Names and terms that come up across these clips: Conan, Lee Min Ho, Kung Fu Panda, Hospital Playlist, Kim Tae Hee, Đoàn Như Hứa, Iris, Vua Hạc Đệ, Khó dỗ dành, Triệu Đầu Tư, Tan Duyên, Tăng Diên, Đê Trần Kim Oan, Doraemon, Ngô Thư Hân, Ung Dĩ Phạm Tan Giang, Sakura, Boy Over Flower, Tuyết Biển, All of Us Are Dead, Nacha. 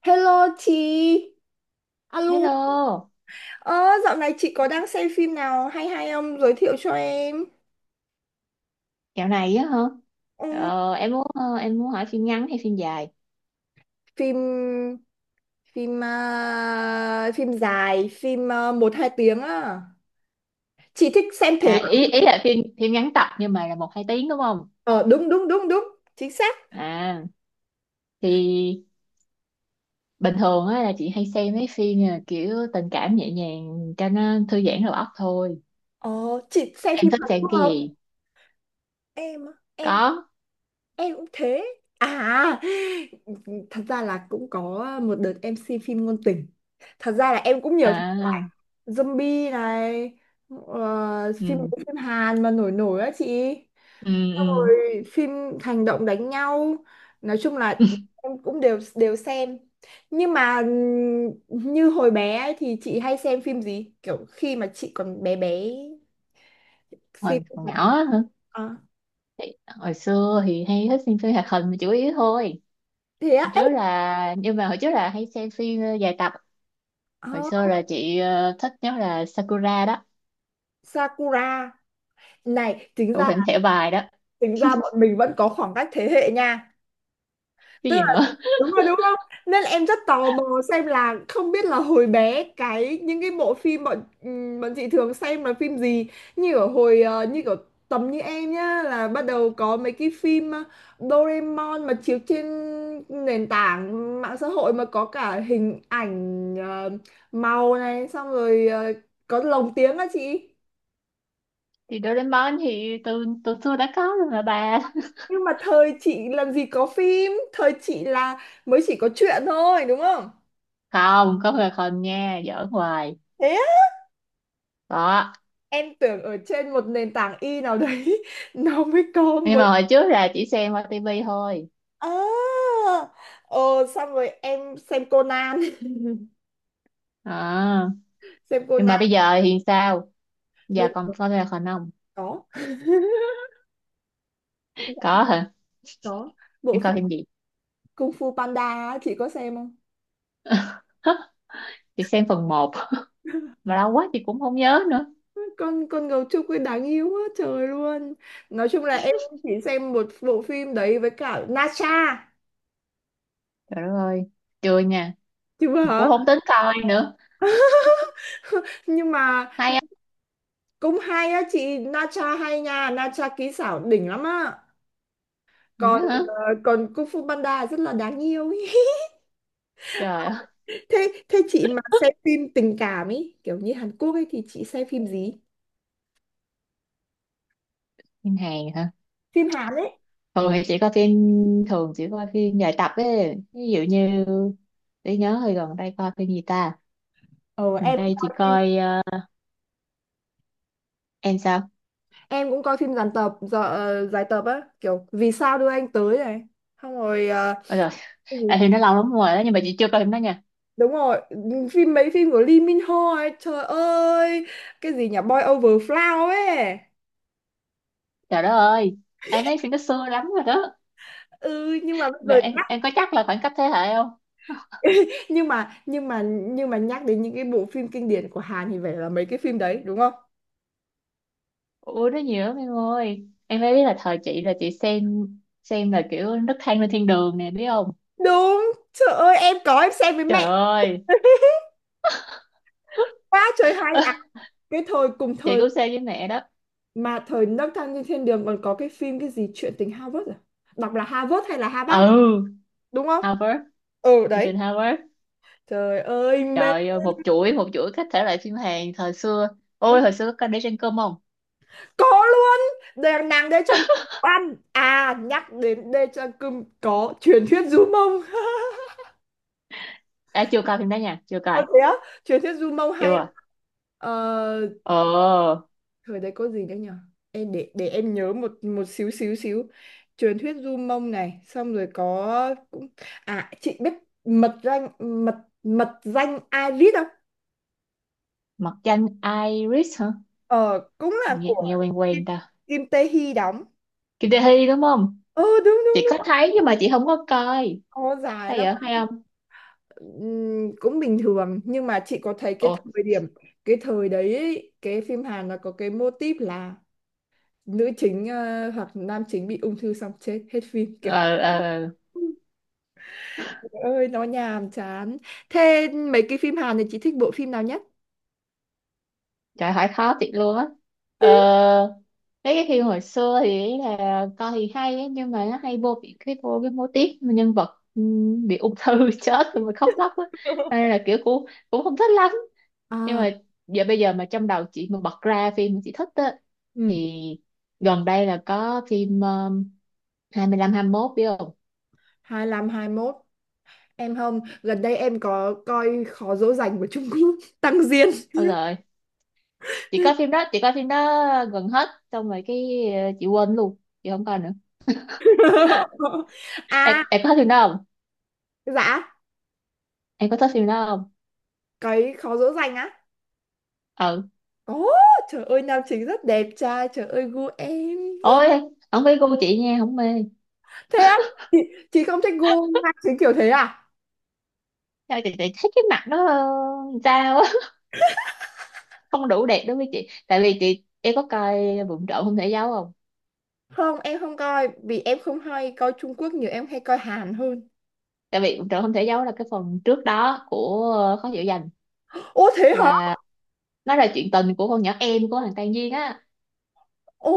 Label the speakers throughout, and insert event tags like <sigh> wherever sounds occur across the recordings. Speaker 1: Hello chị, alo.
Speaker 2: Hello,
Speaker 1: Ờ, Dạo này chị có đang xem phim nào hay hay không? Giới thiệu cho em.
Speaker 2: dạo này á hả?
Speaker 1: Ừ,
Speaker 2: Em muốn hỏi phim ngắn hay phim dài?
Speaker 1: phim phim à, phim dài, phim một hai tiếng á. Chị thích xem thể
Speaker 2: À
Speaker 1: loại.
Speaker 2: ý ý là phim phim ngắn tập nhưng mà là một hai tiếng đúng không?
Speaker 1: Ờ, đúng đúng đúng đúng, chính xác.
Speaker 2: À thì bình thường á là chị hay xem mấy phim kiểu tình cảm nhẹ nhàng cho nó thư giãn đầu óc thôi.
Speaker 1: Ờ, chị xem
Speaker 2: Em
Speaker 1: phim
Speaker 2: thích
Speaker 1: Hàn
Speaker 2: xem
Speaker 1: Quốc
Speaker 2: cái
Speaker 1: không?
Speaker 2: gì?
Speaker 1: Em
Speaker 2: Có.
Speaker 1: em cũng thế. À, thật ra là cũng có một đợt em xem phim ngôn tình. Thật ra là em cũng nhiều
Speaker 2: À,
Speaker 1: zombie này, phim
Speaker 2: ừ,
Speaker 1: phim Hàn mà nổi nổi á chị,
Speaker 2: ừ,
Speaker 1: xong
Speaker 2: ừ.
Speaker 1: rồi phim hành động đánh nhau, nói chung là
Speaker 2: <laughs>
Speaker 1: em cũng đều đều xem. Nhưng mà như hồi bé ấy, thì chị hay xem phim gì kiểu khi mà chị còn bé bé, xem
Speaker 2: Hồi,
Speaker 1: phim
Speaker 2: hồi
Speaker 1: hoạt
Speaker 2: nhỏ
Speaker 1: hình
Speaker 2: á hả?
Speaker 1: à,
Speaker 2: Hồi xưa thì hay thích xem phim hoạt hình là chủ yếu thôi.
Speaker 1: thế á
Speaker 2: Hồi
Speaker 1: ấy.
Speaker 2: trước là nhưng mà hồi trước là hay xem phim dài tập.
Speaker 1: ờ,
Speaker 2: Hồi xưa là chị thích nhất là Sakura đó,
Speaker 1: Sakura này, tính
Speaker 2: thủ
Speaker 1: ra
Speaker 2: lĩnh thẻ bài đó.
Speaker 1: bọn mình vẫn có khoảng cách thế hệ nha,
Speaker 2: Cái gì nữa <laughs>
Speaker 1: đúng rồi đúng không. Nên là em rất tò mò xem là không biết là hồi bé cái những cái bộ phim bọn bọn chị thường xem là phim gì, như ở hồi như kiểu tầm như em nhá, là bắt đầu có mấy cái phim Doraemon mà chiếu trên nền tảng mạng xã hội, mà có cả hình ảnh màu này, xong rồi có lồng tiếng á chị.
Speaker 2: thì Doraemon thì từ từ xưa đã có rồi mà bà.
Speaker 1: Nhưng mà thời chị làm gì có phim, thời chị là mới chỉ có truyện thôi đúng không,
Speaker 2: <laughs> Không có là không nha, giỡn hoài
Speaker 1: thế
Speaker 2: đó.
Speaker 1: em tưởng ở trên một nền tảng y nào đấy <laughs> nó mới có
Speaker 2: Nhưng
Speaker 1: mới.
Speaker 2: mà hồi trước là chỉ xem qua tivi thôi.
Speaker 1: À, ờ, xong rồi em xem Conan.
Speaker 2: À,
Speaker 1: <laughs> Xem
Speaker 2: nhưng mà
Speaker 1: Conan,
Speaker 2: bây giờ thì sao, giờ
Speaker 1: bây
Speaker 2: còn
Speaker 1: giờ
Speaker 2: coi là không? Không,
Speaker 1: có. <laughs>
Speaker 2: có hả,
Speaker 1: Có bộ
Speaker 2: nhưng
Speaker 1: phim
Speaker 2: coi phim gì?
Speaker 1: Kung Fu Panda á, chị có xem không?
Speaker 2: <laughs> Chị xem phần một mà lâu quá chị cũng không nhớ nữa.
Speaker 1: Con con gấu trúc ấy đáng yêu quá trời luôn. Nói chung là em chỉ xem một bộ phim đấy với cả Nacha,
Speaker 2: Trời đất ơi, chưa nha,
Speaker 1: chứ
Speaker 2: mà cũng
Speaker 1: hả.
Speaker 2: không tính coi nữa.
Speaker 1: <laughs> Nhưng mà
Speaker 2: Hay
Speaker 1: cũng hay á chị, Nacha hay nha, Nacha kỹ xảo đỉnh lắm á.
Speaker 2: không nhớ
Speaker 1: Còn
Speaker 2: hả?
Speaker 1: còn Kung Fu Panda rất là đáng yêu ý.
Speaker 2: Trời ơi.
Speaker 1: <laughs> thế thế chị mà xem phim tình cảm ấy, kiểu như Hàn Quốc ấy, thì chị xem phim gì,
Speaker 2: Phim Hàn hả?
Speaker 1: phim Hàn ấy.
Speaker 2: Thường thì chỉ coi phim, thường chỉ coi phim dài tập ấy, ví dụ như, để nhớ hồi gần đây coi phim gì ta.
Speaker 1: Ờ
Speaker 2: Gần
Speaker 1: em cũng
Speaker 2: đây chị
Speaker 1: coi phim,
Speaker 2: coi em sao?
Speaker 1: em cũng coi phim dàn tập giờ dài tập á, kiểu Vì Sao Đưa Anh Tới này, xong rồi
Speaker 2: Ôi rồi,
Speaker 1: cái gì,
Speaker 2: à, thì nó lâu lắm rồi đó nhưng mà chị chưa coi phim đó nha.
Speaker 1: đúng rồi, phim mấy phim của Lee Min Ho ấy, trời ơi cái gì nhỉ, Boy Over Flower ấy.
Speaker 2: Trời đất ơi, em thấy phim nó xưa lắm rồi đó.
Speaker 1: Ừ nhưng mà bây
Speaker 2: Là
Speaker 1: giờ
Speaker 2: em
Speaker 1: nhắc,
Speaker 2: em có chắc là khoảng cách thế hệ không?
Speaker 1: <laughs> nhưng mà nhắc đến những cái bộ phim kinh điển của Hàn thì phải là mấy cái phim đấy đúng không.
Speaker 2: Ủa nó nhiều lắm em ơi, em phải biết là thời chị là chị xem là kiểu Nấc Thang Lên Thiên Đường nè biết không?
Speaker 1: Đúng, trời ơi em có, em xem với
Speaker 2: Trời
Speaker 1: mẹ.
Speaker 2: ơi.
Speaker 1: <laughs> Quá trời hay à,
Speaker 2: <laughs>
Speaker 1: cái thời cùng
Speaker 2: Chị
Speaker 1: thời
Speaker 2: cũng xem với mẹ đó.
Speaker 1: mà, thời Nấc Thang Trên Thiên Đường, còn có cái phim cái gì, Chuyện Tình Harvard à, đọc là Harvard hay là Harvard,
Speaker 2: Ừ.
Speaker 1: đúng không?
Speaker 2: Harvard.
Speaker 1: Ừ
Speaker 2: Ethan
Speaker 1: đấy,
Speaker 2: Harvard.
Speaker 1: trời ơi mê,
Speaker 2: Trời ơi, một chuỗi các thể loại phim Hàn thời xưa. Ôi, hồi xưa có coi Để Trên Cơm không?
Speaker 1: có luôn. Đèn nàng Đê Trần Kim Oan à, nhắc đến Đê Trần Kim có Truyền Thuyết Du Mông. <laughs>
Speaker 2: À, chưa coi phim đó nha, chưa coi.
Speaker 1: Ờ thế á, Truyền Thuyết Du Mông hay
Speaker 2: Chưa.
Speaker 1: lắm.
Speaker 2: À,
Speaker 1: Ờ,
Speaker 2: ờ,
Speaker 1: thời đấy có gì nữa nhở, em để em nhớ một một xíu xíu xíu truyền Thuyết Du Mông này, xong rồi có cũng, à chị biết Mật Danh, mật mật danh Iris không,
Speaker 2: mặt danh Iris hả?
Speaker 1: ờ cũng là
Speaker 2: Nghe,
Speaker 1: của
Speaker 2: nghe quen
Speaker 1: Kim
Speaker 2: quen ta.
Speaker 1: Kim Tae Hee đóng.
Speaker 2: Kim Tae Hee đúng không?
Speaker 1: Ờ đúng đúng
Speaker 2: Chị có
Speaker 1: đúng
Speaker 2: thấy nhưng mà chị không có coi.
Speaker 1: có dài
Speaker 2: Sao
Speaker 1: lắm.
Speaker 2: vậy, hay không?
Speaker 1: Cũng bình thường nhưng mà chị có thấy cái
Speaker 2: Ồ,
Speaker 1: thời điểm, cái thời đấy ấy, cái phim Hàn nó có cái mô típ là nữ chính hoặc nam chính bị ung thư xong chết hết phim, kiểu
Speaker 2: ờ, ờ.
Speaker 1: ơi nó nhàm chán. Thế mấy cái phim Hàn thì chị thích bộ phim nào nhất?
Speaker 2: Trời hỏi khó thiệt luôn á. ờ, Mấy cái phim hồi xưa thì ý là coi thì hay á, nhưng mà nó hay vô bị cái vô cái mô típ mà nhân vật bị ung thư <laughs> chết rồi mà khóc lóc á. Cho nên
Speaker 1: <laughs>
Speaker 2: là kiểu cũng, cũng không thích lắm, nhưng
Speaker 1: À,
Speaker 2: mà giờ bây giờ mà trong đầu chị mà bật ra phim mà chị thích á,
Speaker 1: ừ.
Speaker 2: thì gần đây là có phim 25 mốt biết không?
Speaker 1: 25 21? Em không, gần đây em có coi Khó Dỗ Dành của Trung Quốc. <laughs> Tăng Diên.
Speaker 2: Ôi rồi, chị coi phim đó, chị coi phim đó gần hết, xong rồi cái chị quên luôn, chị không coi nữa.
Speaker 1: <laughs>
Speaker 2: em,
Speaker 1: À
Speaker 2: em có thích phim đó,
Speaker 1: dạ,
Speaker 2: em có thích phim đó không?
Speaker 1: cái Khó Dỗ Dành á.
Speaker 2: Ừ.
Speaker 1: Ồ, trời ơi nam chính rất đẹp trai, trời ơi gu em.
Speaker 2: Ôi, không phải gu chị nha, không mê.
Speaker 1: Thế á, chị, chị không thích gu nam chính kiểu thế à.
Speaker 2: Chị thấy cái mặt nó sao á, <laughs> không đủ đẹp đối với chị. Tại vì chị, em có coi Vụng Trộm Không Thể Giấu không?
Speaker 1: Không em không coi, vì em không hay coi Trung Quốc nhiều, em hay coi Hàn hơn.
Speaker 2: Tại vì Vụng Trộm Không Thể Giấu là cái phần trước đó của Khó Dỗ Dành,
Speaker 1: Ô thế hả.
Speaker 2: là nó là chuyện tình của con nhỏ em của thằng Tan Duyên á.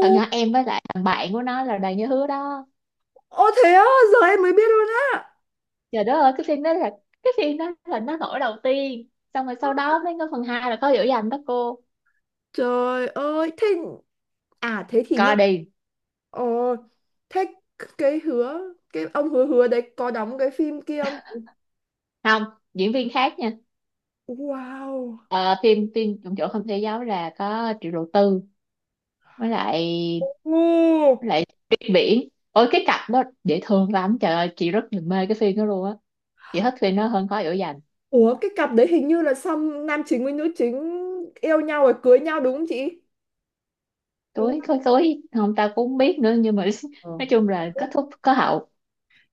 Speaker 2: Thằng nhỏ em với lại thằng bạn của nó là Đoàn Như Hứa đó.
Speaker 1: Ô thế á, giờ em mới biết luôn á.
Speaker 2: Trời đất ơi, cái phim đó là, cái phim đó là nó nổi đầu tiên. Xong rồi sau đó mới có phần 2 là Khó Dỗ Dành đó cô.
Speaker 1: Trời ơi, thế à, thế thì nhân,
Speaker 2: Coi đi.
Speaker 1: ờ thế cái hứa, cái ông hứa hứa đấy có đóng cái phim kia không?
Speaker 2: Không, diễn viên khác nha.
Speaker 1: Wow.
Speaker 2: Ờ, phim phim trong chỗ không thể giáo là có Triệu Đầu Tư với lại, với
Speaker 1: Ồ.
Speaker 2: lại Tuyết Biển, ôi cái cặp đó dễ thương lắm, trời ơi chị rất là mê cái phim đó luôn á. Chị thích phim nó hơn Khói Lửa Dành.
Speaker 1: Ủa cái cặp đấy hình như là, xong nam chính với nữ chính yêu nhau rồi cưới nhau đúng không chị? Đúng
Speaker 2: Tối
Speaker 1: không?
Speaker 2: khói tối không ta cũng không biết nữa nhưng mà <laughs>
Speaker 1: Ờ.
Speaker 2: nói chung là kết thúc có hậu.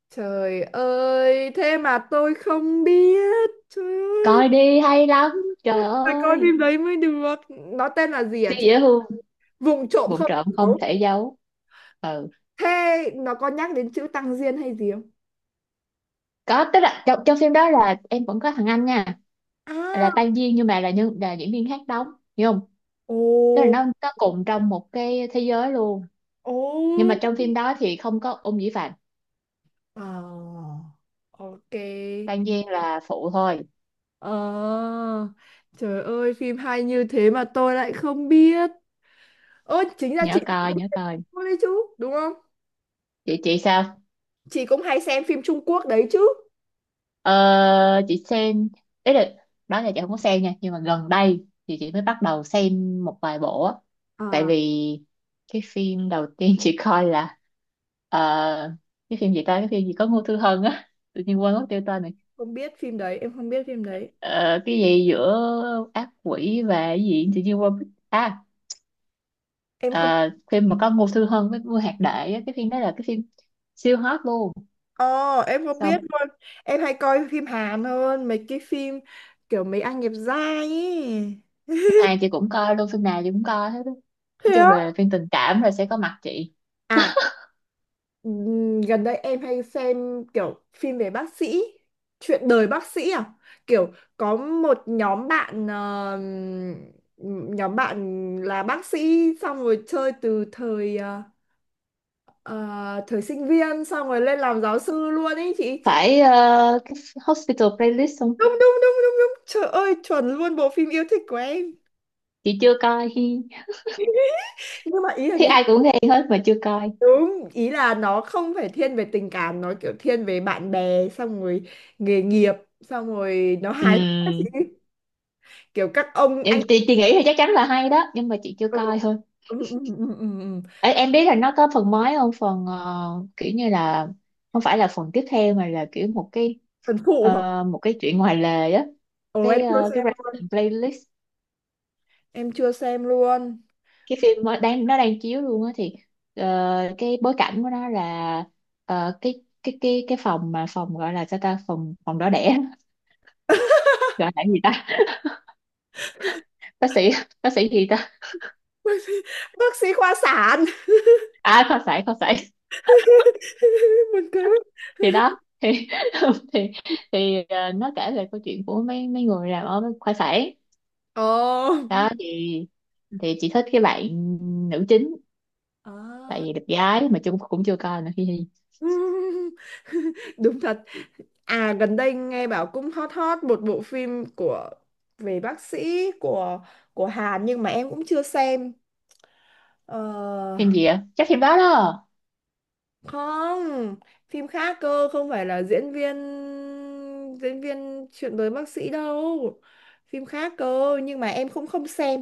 Speaker 1: Trời ơi, thế mà tôi không biết. Trời ơi,
Speaker 2: Coi đi hay lắm, trời
Speaker 1: phải coi
Speaker 2: ơi
Speaker 1: phim đấy mới được. Nó tên là gì hả
Speaker 2: siêu
Speaker 1: chị?
Speaker 2: dễ thương.
Speaker 1: Vùng Trộm
Speaker 2: Vụng
Speaker 1: Không
Speaker 2: trộm
Speaker 1: Thành
Speaker 2: không
Speaker 1: Dấu?
Speaker 2: thể giấu. Ừ.
Speaker 1: Thế nó có nhắc đến chữ Tăng Diên hay gì không?
Speaker 2: Có, tức là trong phim đó là em vẫn có thằng anh nha,
Speaker 1: À,
Speaker 2: là Tan Duyên nhưng mà là nhân là diễn viên khác đóng, hiểu không?
Speaker 1: ồ,
Speaker 2: Tức là nó cùng trong một cái thế giới luôn,
Speaker 1: ồ.
Speaker 2: nhưng mà trong phim đó thì không có Ung Dĩ Phạm.
Speaker 1: Ờ, ok.
Speaker 2: Tan Giang là phụ thôi.
Speaker 1: Ờ, trời ơi, phim hay như thế mà tôi lại không biết. Ơ, chính ra
Speaker 2: Nhớ
Speaker 1: chị cũng
Speaker 2: coi,
Speaker 1: hay
Speaker 2: nhớ
Speaker 1: xem
Speaker 2: coi.
Speaker 1: phim đấy chứ, đúng không?
Speaker 2: Chị sao?
Speaker 1: Chị cũng hay xem phim Trung Quốc đấy chứ.
Speaker 2: Ờ, chị xem, đấy là, đó là chị không có xem nha nhưng mà gần đây thì chị mới bắt đầu xem một vài bộ á. Tại
Speaker 1: À,
Speaker 2: vì cái phim đầu tiên chị coi là ờ, cái phim gì ta, cái phim gì có Ngô Thư Hân á, tự nhiên quên mất tiêu tên này.
Speaker 1: không biết phim đấy, em không biết phim đấy.
Speaker 2: Ờ, cái gì giữa ác quỷ và cái gì, tự nhiên quên mất. À,
Speaker 1: Em không,
Speaker 2: ờ, phim mà có Ngô Thư Hân với Vua Hạc Đệ á, cái phim đó là cái phim siêu hot luôn.
Speaker 1: ờ, em không biết
Speaker 2: Xong,
Speaker 1: luôn. Em hay coi phim Hàn hơn, mấy cái phim kiểu mấy anh đẹp trai ấy.
Speaker 2: phim Hàn chị cũng coi luôn, phim nào chị cũng coi hết á.
Speaker 1: Thế
Speaker 2: Nói chung
Speaker 1: á?
Speaker 2: là phim tình cảm là sẽ có mặt chị.
Speaker 1: À, gần đây em hay xem kiểu phim về bác sĩ, chuyện đời bác sĩ à? Kiểu có một nhóm bạn, nhóm bạn là bác sĩ, xong rồi chơi từ thời ờ, thời sinh viên, xong rồi lên làm giáo sư luôn ấy chị.
Speaker 2: Phải, cái Hospital Playlist không?
Speaker 1: Đúng đúng đúng đúng đúng. Trời ơi, chuẩn luôn, bộ phim yêu thích của em.
Speaker 2: Chị chưa coi. Hi,
Speaker 1: <laughs> Nhưng mà ý là
Speaker 2: thấy
Speaker 1: cái,
Speaker 2: ai cũng nghe hết mà chưa coi.
Speaker 1: ý là nó không phải thiên về tình cảm, nó kiểu thiên về bạn bè, xong rồi nghề nghiệp, xong rồi nó hài hước á chị.
Speaker 2: Ừm,
Speaker 1: Kiểu các ông
Speaker 2: em
Speaker 1: anh
Speaker 2: chị nghĩ thì chắc chắn là hay đó nhưng mà chị chưa
Speaker 1: ờ,
Speaker 2: coi thôi.
Speaker 1: ừ.
Speaker 2: Ê, em biết là nó có phần mới không, phần kiểu như là không phải là phần tiếp theo mà là kiểu một cái
Speaker 1: Thần phụ hả?
Speaker 2: một cái chuyện ngoài lề á.
Speaker 1: Ồ em
Speaker 2: Cái
Speaker 1: chưa
Speaker 2: cái
Speaker 1: xem luôn,
Speaker 2: Resident Playlist,
Speaker 1: em chưa xem luôn.
Speaker 2: cái phim nó đang, nó đang chiếu luôn á, thì ờ, cái bối cảnh của nó là cái cái phòng, mà phòng gọi là sao ta, phòng phòng đỏ đẻ
Speaker 1: <laughs>
Speaker 2: <laughs> gọi là gì ta, bác sĩ <laughs> bác sĩ gì ta,
Speaker 1: Bác sĩ, khoa sản.
Speaker 2: à khoa sản, khoa sản. <laughs>
Speaker 1: <laughs> Buồn cười quá.
Speaker 2: Thì đó thì <laughs> thì thì nó kể về câu chuyện của mấy, mấy người làm ở khoa sản
Speaker 1: Ồ.
Speaker 2: đó. Thì chị thích cái bạn nữ chính,
Speaker 1: Ờ.
Speaker 2: tại vì đẹp gái mà chung cũng chưa coi nữa phim.
Speaker 1: <laughs> Đúng thật. À gần đây nghe bảo cũng hot hot một bộ phim của, về bác sĩ của Hàn nhưng mà em cũng chưa xem. Ờ,
Speaker 2: Phim gì ạ, chắc phim đó đó.
Speaker 1: Không, phim khác cơ, không phải là diễn viên, diễn viên chuyện với bác sĩ đâu, phim khác cơ nhưng mà em cũng không xem.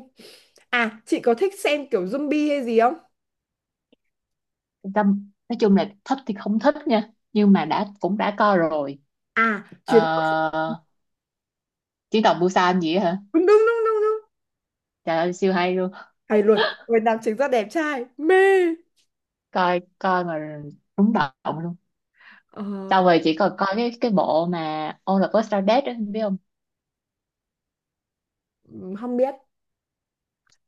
Speaker 1: À chị có thích xem kiểu zombie hay gì không?
Speaker 2: Tâm, nói chung là thích thì không thích nha nhưng mà đã, cũng đã coi rồi.
Speaker 1: À chuyến,
Speaker 2: Ờ, Chiến Tàu Busan gì á hả.
Speaker 1: đúng đúng đúng đúng đúng,
Speaker 2: Trời ơi siêu hay luôn,
Speaker 1: hay luật, người nam chính rất đẹp trai mê.
Speaker 2: coi coi mà, rúng động luôn.
Speaker 1: ờ,
Speaker 2: Sau rồi chỉ còn coi cái bộ mà All of Us Are Dead á biết không?
Speaker 1: Không biết,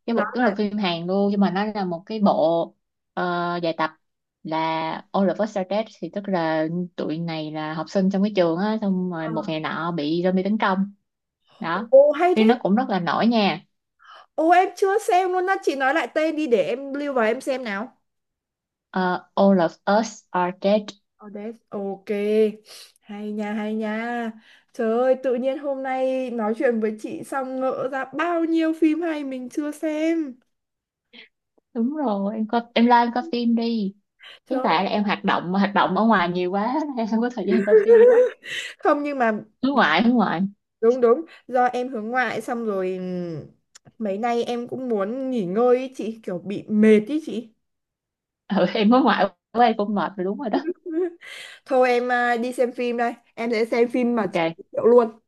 Speaker 2: Cái
Speaker 1: nói
Speaker 2: bộ, cái là
Speaker 1: là,
Speaker 2: phim Hàn luôn nhưng mà nó là một cái bộ dài tập, là All of Us Are Dead, thì tức là tụi này là học sinh trong cái trường á, xong rồi
Speaker 1: ờ,
Speaker 2: một ngày nọ bị zombie tấn công đó.
Speaker 1: ô hay
Speaker 2: Phim
Speaker 1: thế.
Speaker 2: nó cũng rất là nổi nha.
Speaker 1: Ô em chưa xem luôn á chị, nói lại tên đi để em lưu vào em xem nào.
Speaker 2: Ờ, All of Us Are Dead.
Speaker 1: Odess, ok. Hay nha, hay nha. Trời ơi, tự nhiên hôm nay nói chuyện với chị xong ngỡ ra bao nhiêu phim hay mình chưa xem.
Speaker 2: Đúng rồi, em coi, em like, em coi phim đi.
Speaker 1: Trời
Speaker 2: Hiện
Speaker 1: ơi.
Speaker 2: tại là em hoạt động ở ngoài nhiều quá <laughs> em không có thời gian coi phim đó.
Speaker 1: <laughs> Không nhưng mà,
Speaker 2: Hướng ngoại.
Speaker 1: đúng đúng, do em hướng ngoại, xong rồi mấy nay em cũng muốn nghỉ ngơi ý chị, kiểu bị mệt ý chị.
Speaker 2: Ừ, em hướng ngoại quá em cũng mệt rồi, đúng rồi đó.
Speaker 1: <laughs> Thôi em à, đi xem phim đây. Em sẽ xem phim mà chị
Speaker 2: Ok,
Speaker 1: giới thiệu luôn.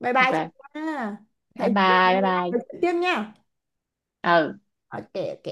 Speaker 1: Bye bye chị
Speaker 2: ok,
Speaker 1: nha.
Speaker 2: bye
Speaker 1: Hẹn chị
Speaker 2: bye, bye
Speaker 1: gặp lại
Speaker 2: bye.
Speaker 1: chị tiếp nha.
Speaker 2: Ừ.
Speaker 1: Ok, ok.